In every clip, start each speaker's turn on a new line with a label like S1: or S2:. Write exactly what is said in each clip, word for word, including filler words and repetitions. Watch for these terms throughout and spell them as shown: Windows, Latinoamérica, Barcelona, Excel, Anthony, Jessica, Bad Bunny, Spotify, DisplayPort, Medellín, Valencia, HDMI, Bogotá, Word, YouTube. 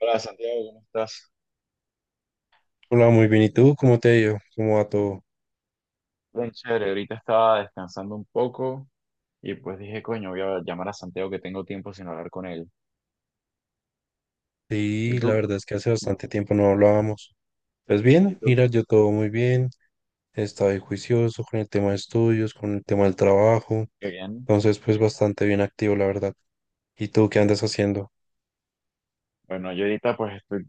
S1: Hola Santiago, ¿cómo estás?
S2: Hola, muy bien. ¿Y tú? ¿Cómo te ha ido? ¿Cómo va todo?
S1: Bien, chévere. Ahorita estaba descansando un poco y pues dije, coño, voy a llamar a Santiago que tengo tiempo sin hablar con él. ¿Y
S2: Sí, la
S1: tú?
S2: verdad es que hace
S1: No,
S2: bastante tiempo no hablábamos. Pues
S1: ¿Y
S2: bien,
S1: tú?
S2: mira, yo todo muy bien. He
S1: Ujú.
S2: estado ahí juicioso con el tema de estudios, con el tema del trabajo.
S1: Qué bien.
S2: Entonces, pues bastante bien activo, la verdad. ¿Y tú qué andas haciendo?
S1: Bueno, yo ahorita pues estoy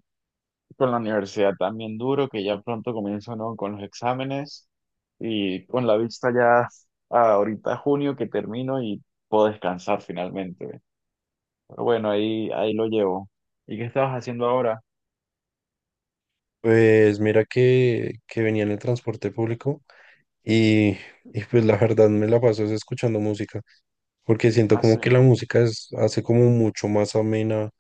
S1: con la universidad también duro, que ya pronto comienzo, ¿no? Con los exámenes y con la vista ya a ahorita junio que termino y puedo descansar finalmente. Pero bueno, ahí, ahí lo llevo. ¿Y qué estabas haciendo ahora?
S2: Pues mira que, que venía en el transporte público y, y pues la verdad me la paso es escuchando música, porque siento
S1: Ah, sí.
S2: como que la música es, hace como mucho más amena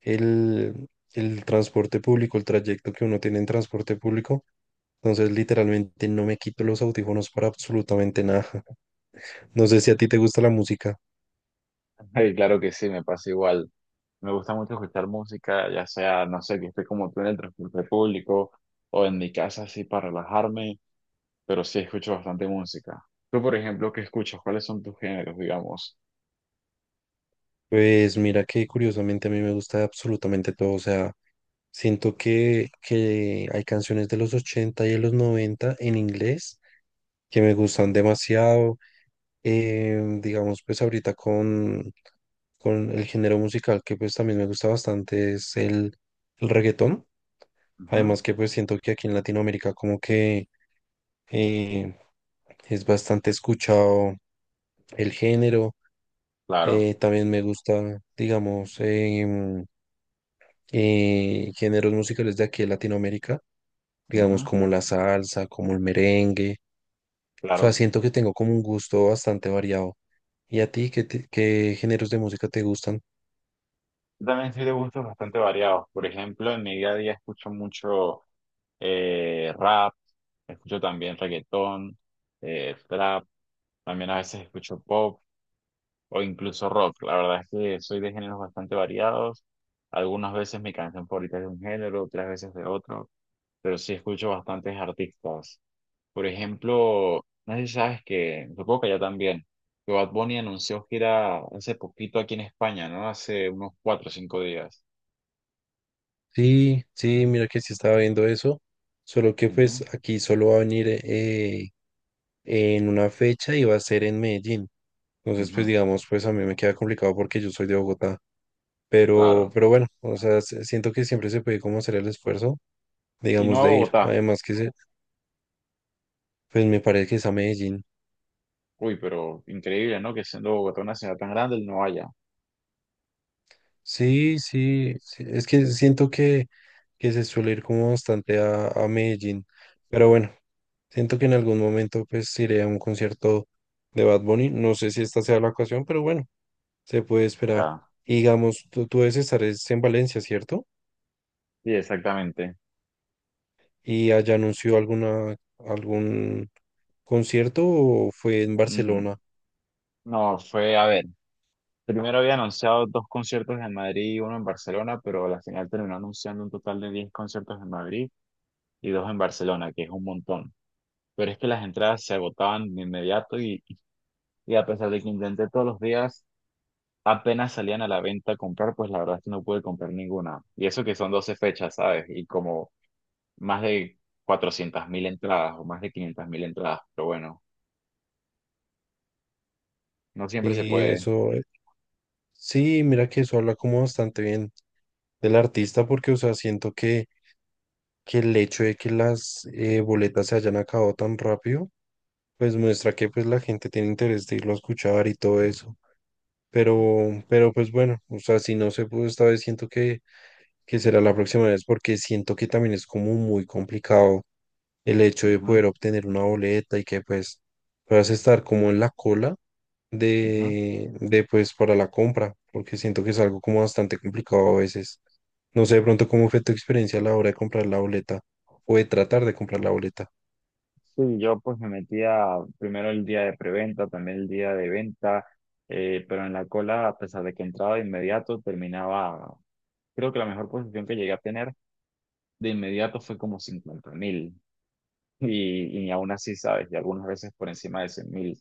S2: el, el transporte público, el trayecto que uno tiene en transporte público. Entonces, literalmente no me quito los audífonos para absolutamente nada. No sé si a ti te gusta la música.
S1: Ay, claro que sí, me pasa igual. Me gusta mucho escuchar música, ya sea, no sé, que esté como tú en el transporte público o en mi casa así para relajarme, pero sí escucho bastante música. Tú, por ejemplo, ¿qué escuchas? ¿Cuáles son tus géneros, digamos?
S2: Pues mira que curiosamente a mí me gusta absolutamente todo. O sea, siento que, que hay canciones de los ochenta y de los noventa en inglés que me
S1: Ujú,
S2: gustan demasiado. Em, digamos, pues ahorita con, con el género musical que pues también me gusta bastante es el, el reggaetón.
S1: ujú,
S2: Además que pues siento que aquí en Latinoamérica como que eh, es bastante escuchado el género.
S1: claro,
S2: Eh, también me gusta, digamos, em, eh, géneros musicales de aquí de Latinoamérica, digamos
S1: ujú,
S2: como la salsa, como el merengue. O sea,
S1: claro.
S2: siento que tengo como un gusto bastante variado. ¿Y a ti qué, te- qué géneros de música te gustan?
S1: Yo también soy de gustos bastante variados. Por ejemplo, en mi día a día escucho mucho eh, rap, escucho también reggaetón, eh, trap, también a veces escucho pop o incluso rock. La verdad es que soy de géneros bastante variados. Algunas veces mi canción favorita es de un género, otras veces de otro, pero sí escucho bastantes artistas. Por ejemplo, no sé si sabes que, supongo que ya también, que Bad Bunny anunció gira hace poquito aquí en España, ¿no? Hace unos cuatro o cinco días.
S2: Sí, sí, mira que sí estaba viendo eso, solo que pues aquí solo va a venir eh, en una fecha y va a ser en Medellín.
S1: Ujú,
S2: Entonces,
S1: ujú,
S2: pues digamos, pues a mí me queda complicado porque yo soy de Bogotá, pero,
S1: claro.
S2: pero bueno, o sea, s- siento que siempre se puede como hacer el esfuerzo,
S1: Y no
S2: digamos,
S1: a
S2: de ir.
S1: Bogotá.
S2: Además que se, pues me parece que es a Medellín.
S1: Uy, pero increíble, ¿no? Que siendo Bogotá una ciudad tan grande, él no vaya.
S2: Sí, sí, sí, es que siento que, que se suele ir como bastante a, a Medellín, pero bueno, siento que en algún momento pues iré a un concierto de Bad Bunny. No sé si esta sea la ocasión, pero bueno, se puede esperar.
S1: Ah,
S2: Y digamos, tú, tú debes estar es en Valencia, ¿cierto?
S1: sí, exactamente.
S2: Y allá anunció alguna, algún concierto fue en
S1: Mm,
S2: Barcelona.
S1: no, fue, a ver. Primero había anunciado dos conciertos en Madrid y uno en Barcelona, pero a la final terminó anunciando un total de diez conciertos en Madrid y dos en Barcelona, que es un montón. Pero es que las entradas se agotaban de inmediato y, y a pesar de que intenté todos los días, apenas salían a la venta a comprar, pues la verdad es que no pude comprar ninguna. Y eso que son doce fechas, ¿sabes? Y como más de cuatrocientas mil entradas o más de quinientas mil entradas, pero bueno, no siempre se
S2: Y
S1: puede.
S2: eso, eh, sí, mira que eso habla como bastante bien del artista porque, o sea, siento que, que el hecho de que las eh, boletas se hayan acabado tan rápido, pues muestra que pues la gente tiene interés de irlo a escuchar y todo eso. Pero, pero pues bueno, o sea, si no se pudo esta vez, siento que, que será la próxima vez porque siento que también es como muy complicado el hecho de
S1: Ujú,
S2: poder obtener una boleta y que pues puedas estar como en la cola
S1: ujú.
S2: de, de pues para la compra, porque siento que es algo como bastante complicado a veces. No sé de pronto cómo fue tu experiencia a la hora de comprar la boleta o de tratar de comprar la boleta.
S1: Sí, yo pues me metía primero el día de preventa, también el día de venta, eh, pero en la cola, a pesar de que entraba de inmediato, terminaba, creo que la mejor posición que llegué a tener de inmediato fue como cincuenta mil, y, y aún así, sabes, y algunas veces por encima de cien mil.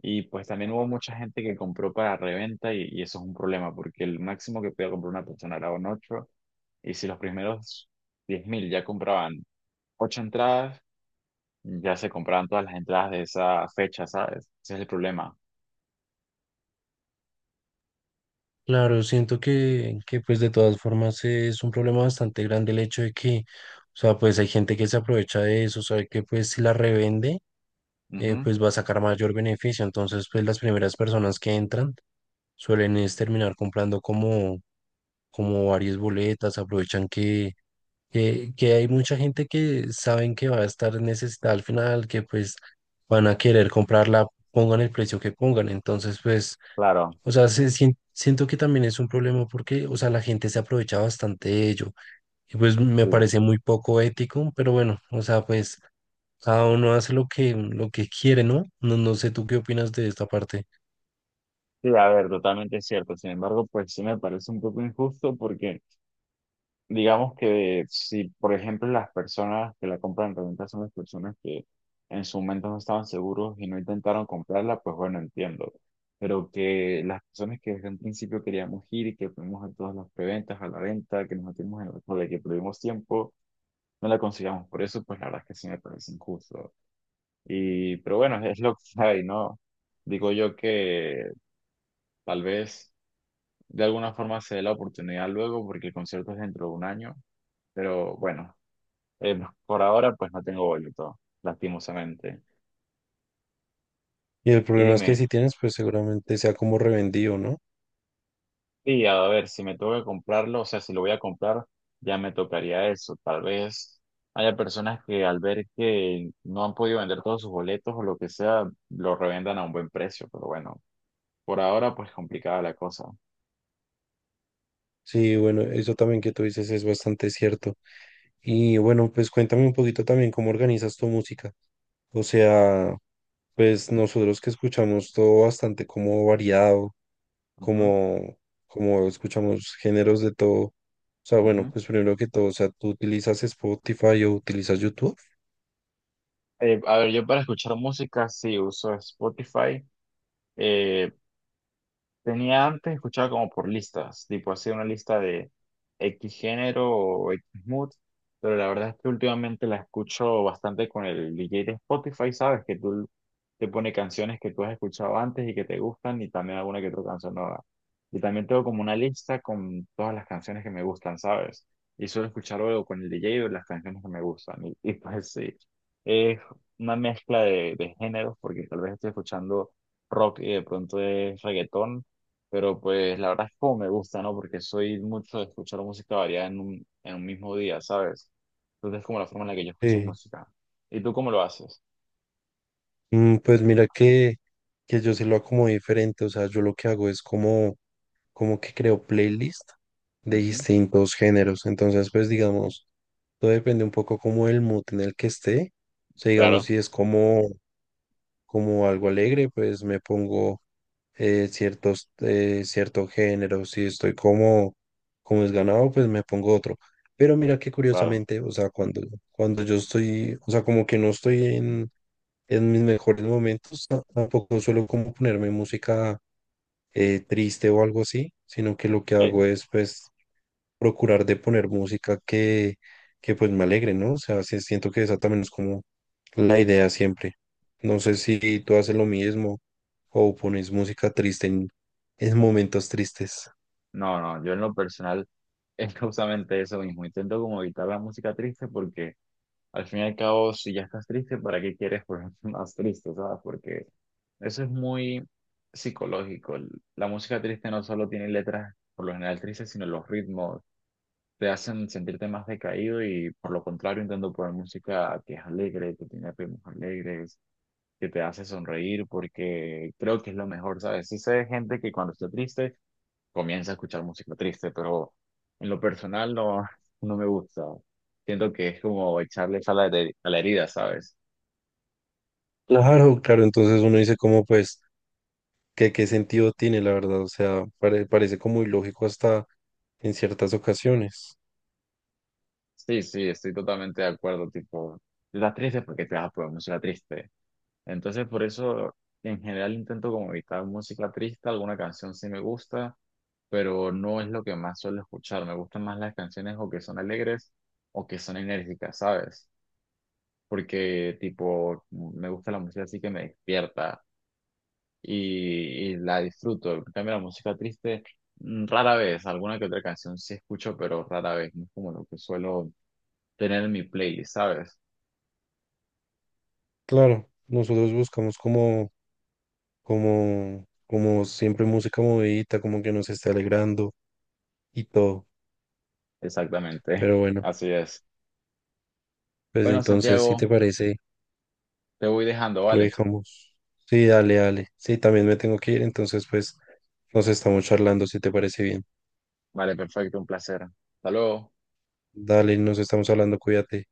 S1: Y pues también hubo mucha gente que compró para reventa y, y eso es un problema, porque el máximo que podía comprar una persona era un ocho y si los primeros diez mil ya compraban ocho entradas, ya se compraron todas las entradas de esa fecha, ¿sabes? Ese es el problema.
S2: Claro, siento que, que pues de todas formas es un problema bastante grande el hecho de que, o sea, pues hay gente que se aprovecha de eso, sabe que pues si la revende, eh,
S1: Ujú,
S2: pues va a sacar mayor beneficio. Entonces, pues las primeras personas que entran suelen es terminar comprando como, como varias boletas, aprovechan que, que, que hay mucha gente que saben que va a estar necesitada al final, que pues van a querer comprarla, pongan el precio que pongan. Entonces, pues...
S1: claro,
S2: O sea, se sien- siento que también es un problema porque, o sea, la gente se aprovecha bastante de ello. Y pues me
S1: sí.
S2: parece muy poco ético, pero bueno, o sea, pues cada uno hace lo que, lo que quiere, ¿no? No, no sé tú qué opinas de esta parte.
S1: Sí, a ver, totalmente es cierto. Sin embargo, pues sí me parece un poco injusto porque digamos que si, por ejemplo, las personas que la compran en reventa son las personas que en su momento no estaban seguros y no intentaron comprarla, pues bueno, entiendo. Pero que las personas que desde un principio queríamos ir y que fuimos a todas las preventas, a la venta, que nos metimos en la cola, que perdimos tiempo, no la consigamos. Por eso, pues la verdad es que sí me parece injusto. Y, pero bueno, es lo que hay, ¿no? Digo yo que tal vez de alguna forma se dé la oportunidad luego porque el concierto es dentro de un año, pero bueno, eh, por ahora pues no tengo boleto, lastimosamente.
S2: Y el
S1: Y
S2: problema es que
S1: dime,
S2: si tienes, pues seguramente sea como revendido, ¿no?
S1: sí, a ver, si me tengo que comprarlo, o sea, si lo voy a comprar, ya me tocaría eso. Tal vez haya personas que al ver que no han podido vender todos sus boletos o lo que sea, lo revendan a un buen precio, pero bueno, por ahora pues complicada la cosa.
S2: Sí, bueno, eso también que tú dices es bastante cierto. Y bueno, pues cuéntame un poquito también cómo organizas tu música. O sea, pues nosotros que escuchamos todo bastante como variado.
S1: Ujú,
S2: Como, como escuchamos géneros de todo. O sea, bueno,
S1: ujú.
S2: pues primero que todo, o sea, ¿tú utilizas Spotify o utilizas YouTube?
S1: Eh, a ver, yo para escuchar música sí uso Spotify, eh, tenía antes, escuchaba como por listas, tipo hacía una lista de X género o X mood, pero la verdad es que últimamente la escucho bastante con el D J de Spotify, ¿sabes? Que tú te pone canciones que tú has escuchado antes y que te gustan y también alguna que otra canción nueva. Y también tengo como una lista con todas las canciones que me gustan, ¿sabes? Y suelo escuchar luego con el D J o las canciones que me gustan. Y, y pues sí, es una mezcla de, de géneros porque tal vez estoy escuchando rock y de pronto es reggaetón, pero pues la verdad es como me gusta, ¿no? Porque soy mucho de escuchar música variada en un, en un mismo día, ¿sabes? Entonces es como la forma en la que yo escucho
S2: Sí.
S1: música. ¿Y tú cómo lo haces?
S2: Mm, pues mira que, que yo se lo acomodé diferente, o sea, yo lo que hago es como, como que creo playlist de
S1: Ujú,
S2: distintos géneros, entonces pues digamos, todo depende un poco como el mood en el que esté, o sea, digamos
S1: claro,
S2: si es como, como algo alegre, pues me pongo eh, ciertos, eh, cierto género, si estoy como, como desganado, pues me pongo otro. Pero mira que
S1: claro.
S2: curiosamente, o sea, cuando, cuando yo estoy, o sea, como que no estoy en, en mis mejores momentos, ta- tampoco suelo como ponerme música eh, triste o algo así, sino que lo que
S1: Sí.
S2: hago es pues procurar de poner música que, que pues me alegre, ¿no? O sea, sí siento que esa también es como la idea siempre. No sé si tú haces lo mismo o pones música triste en, en momentos tristes.
S1: No, no, yo en lo personal es justamente eso mismo. Intento como evitar la música triste porque al fin y al cabo, si ya estás triste, ¿para qué quieres ponerte más triste, ¿sabes? Porque eso es muy psicológico. La música triste no solo tiene letras por lo general tristes, sino los ritmos te hacen sentirte más decaído y por lo contrario intento poner música que es alegre, que tiene ritmos alegres, que te hace sonreír porque creo que es lo mejor, ¿sabes? Sí sé de gente que cuando está triste comienza a escuchar música triste, pero en lo personal no, no me gusta. Siento que es como echarle sal a la heri- a la herida, ¿sabes?
S2: Claro, claro, entonces uno dice como pues que qué sentido tiene la verdad, o sea, pare- parece como ilógico hasta en ciertas ocasiones.
S1: Sí, sí, estoy totalmente de acuerdo, tipo, si estás triste porque te vas a poner música triste. Entonces por eso en general intento como evitar música triste, alguna canción sí me gusta pero no es lo que más suelo escuchar. Me gustan más las canciones o que son alegres o que son enérgicas, ¿sabes? Porque, tipo, me gusta la música así que me despierta y, y la disfruto. En cambio, la música triste, mm, rara vez, alguna que otra canción sí escucho, pero rara vez. No es como lo que suelo tener en mi playlist, ¿sabes?
S2: Claro, nosotros buscamos como, como, como siempre música movidita, como que nos esté alegrando y todo,
S1: Exactamente,
S2: pero bueno,
S1: así es.
S2: pues
S1: Bueno,
S2: entonces si
S1: Santiago,
S2: te parece...
S1: te voy dejando,
S2: Lo
S1: ¿vale?
S2: dejamos. Sí, dale, dale. Sí, también me tengo que ir, entonces pues nos estamos charlando si te parece bien.
S1: Vale, perfecto, un placer. Hasta luego.
S2: Dale, nos estamos hablando, cuídate.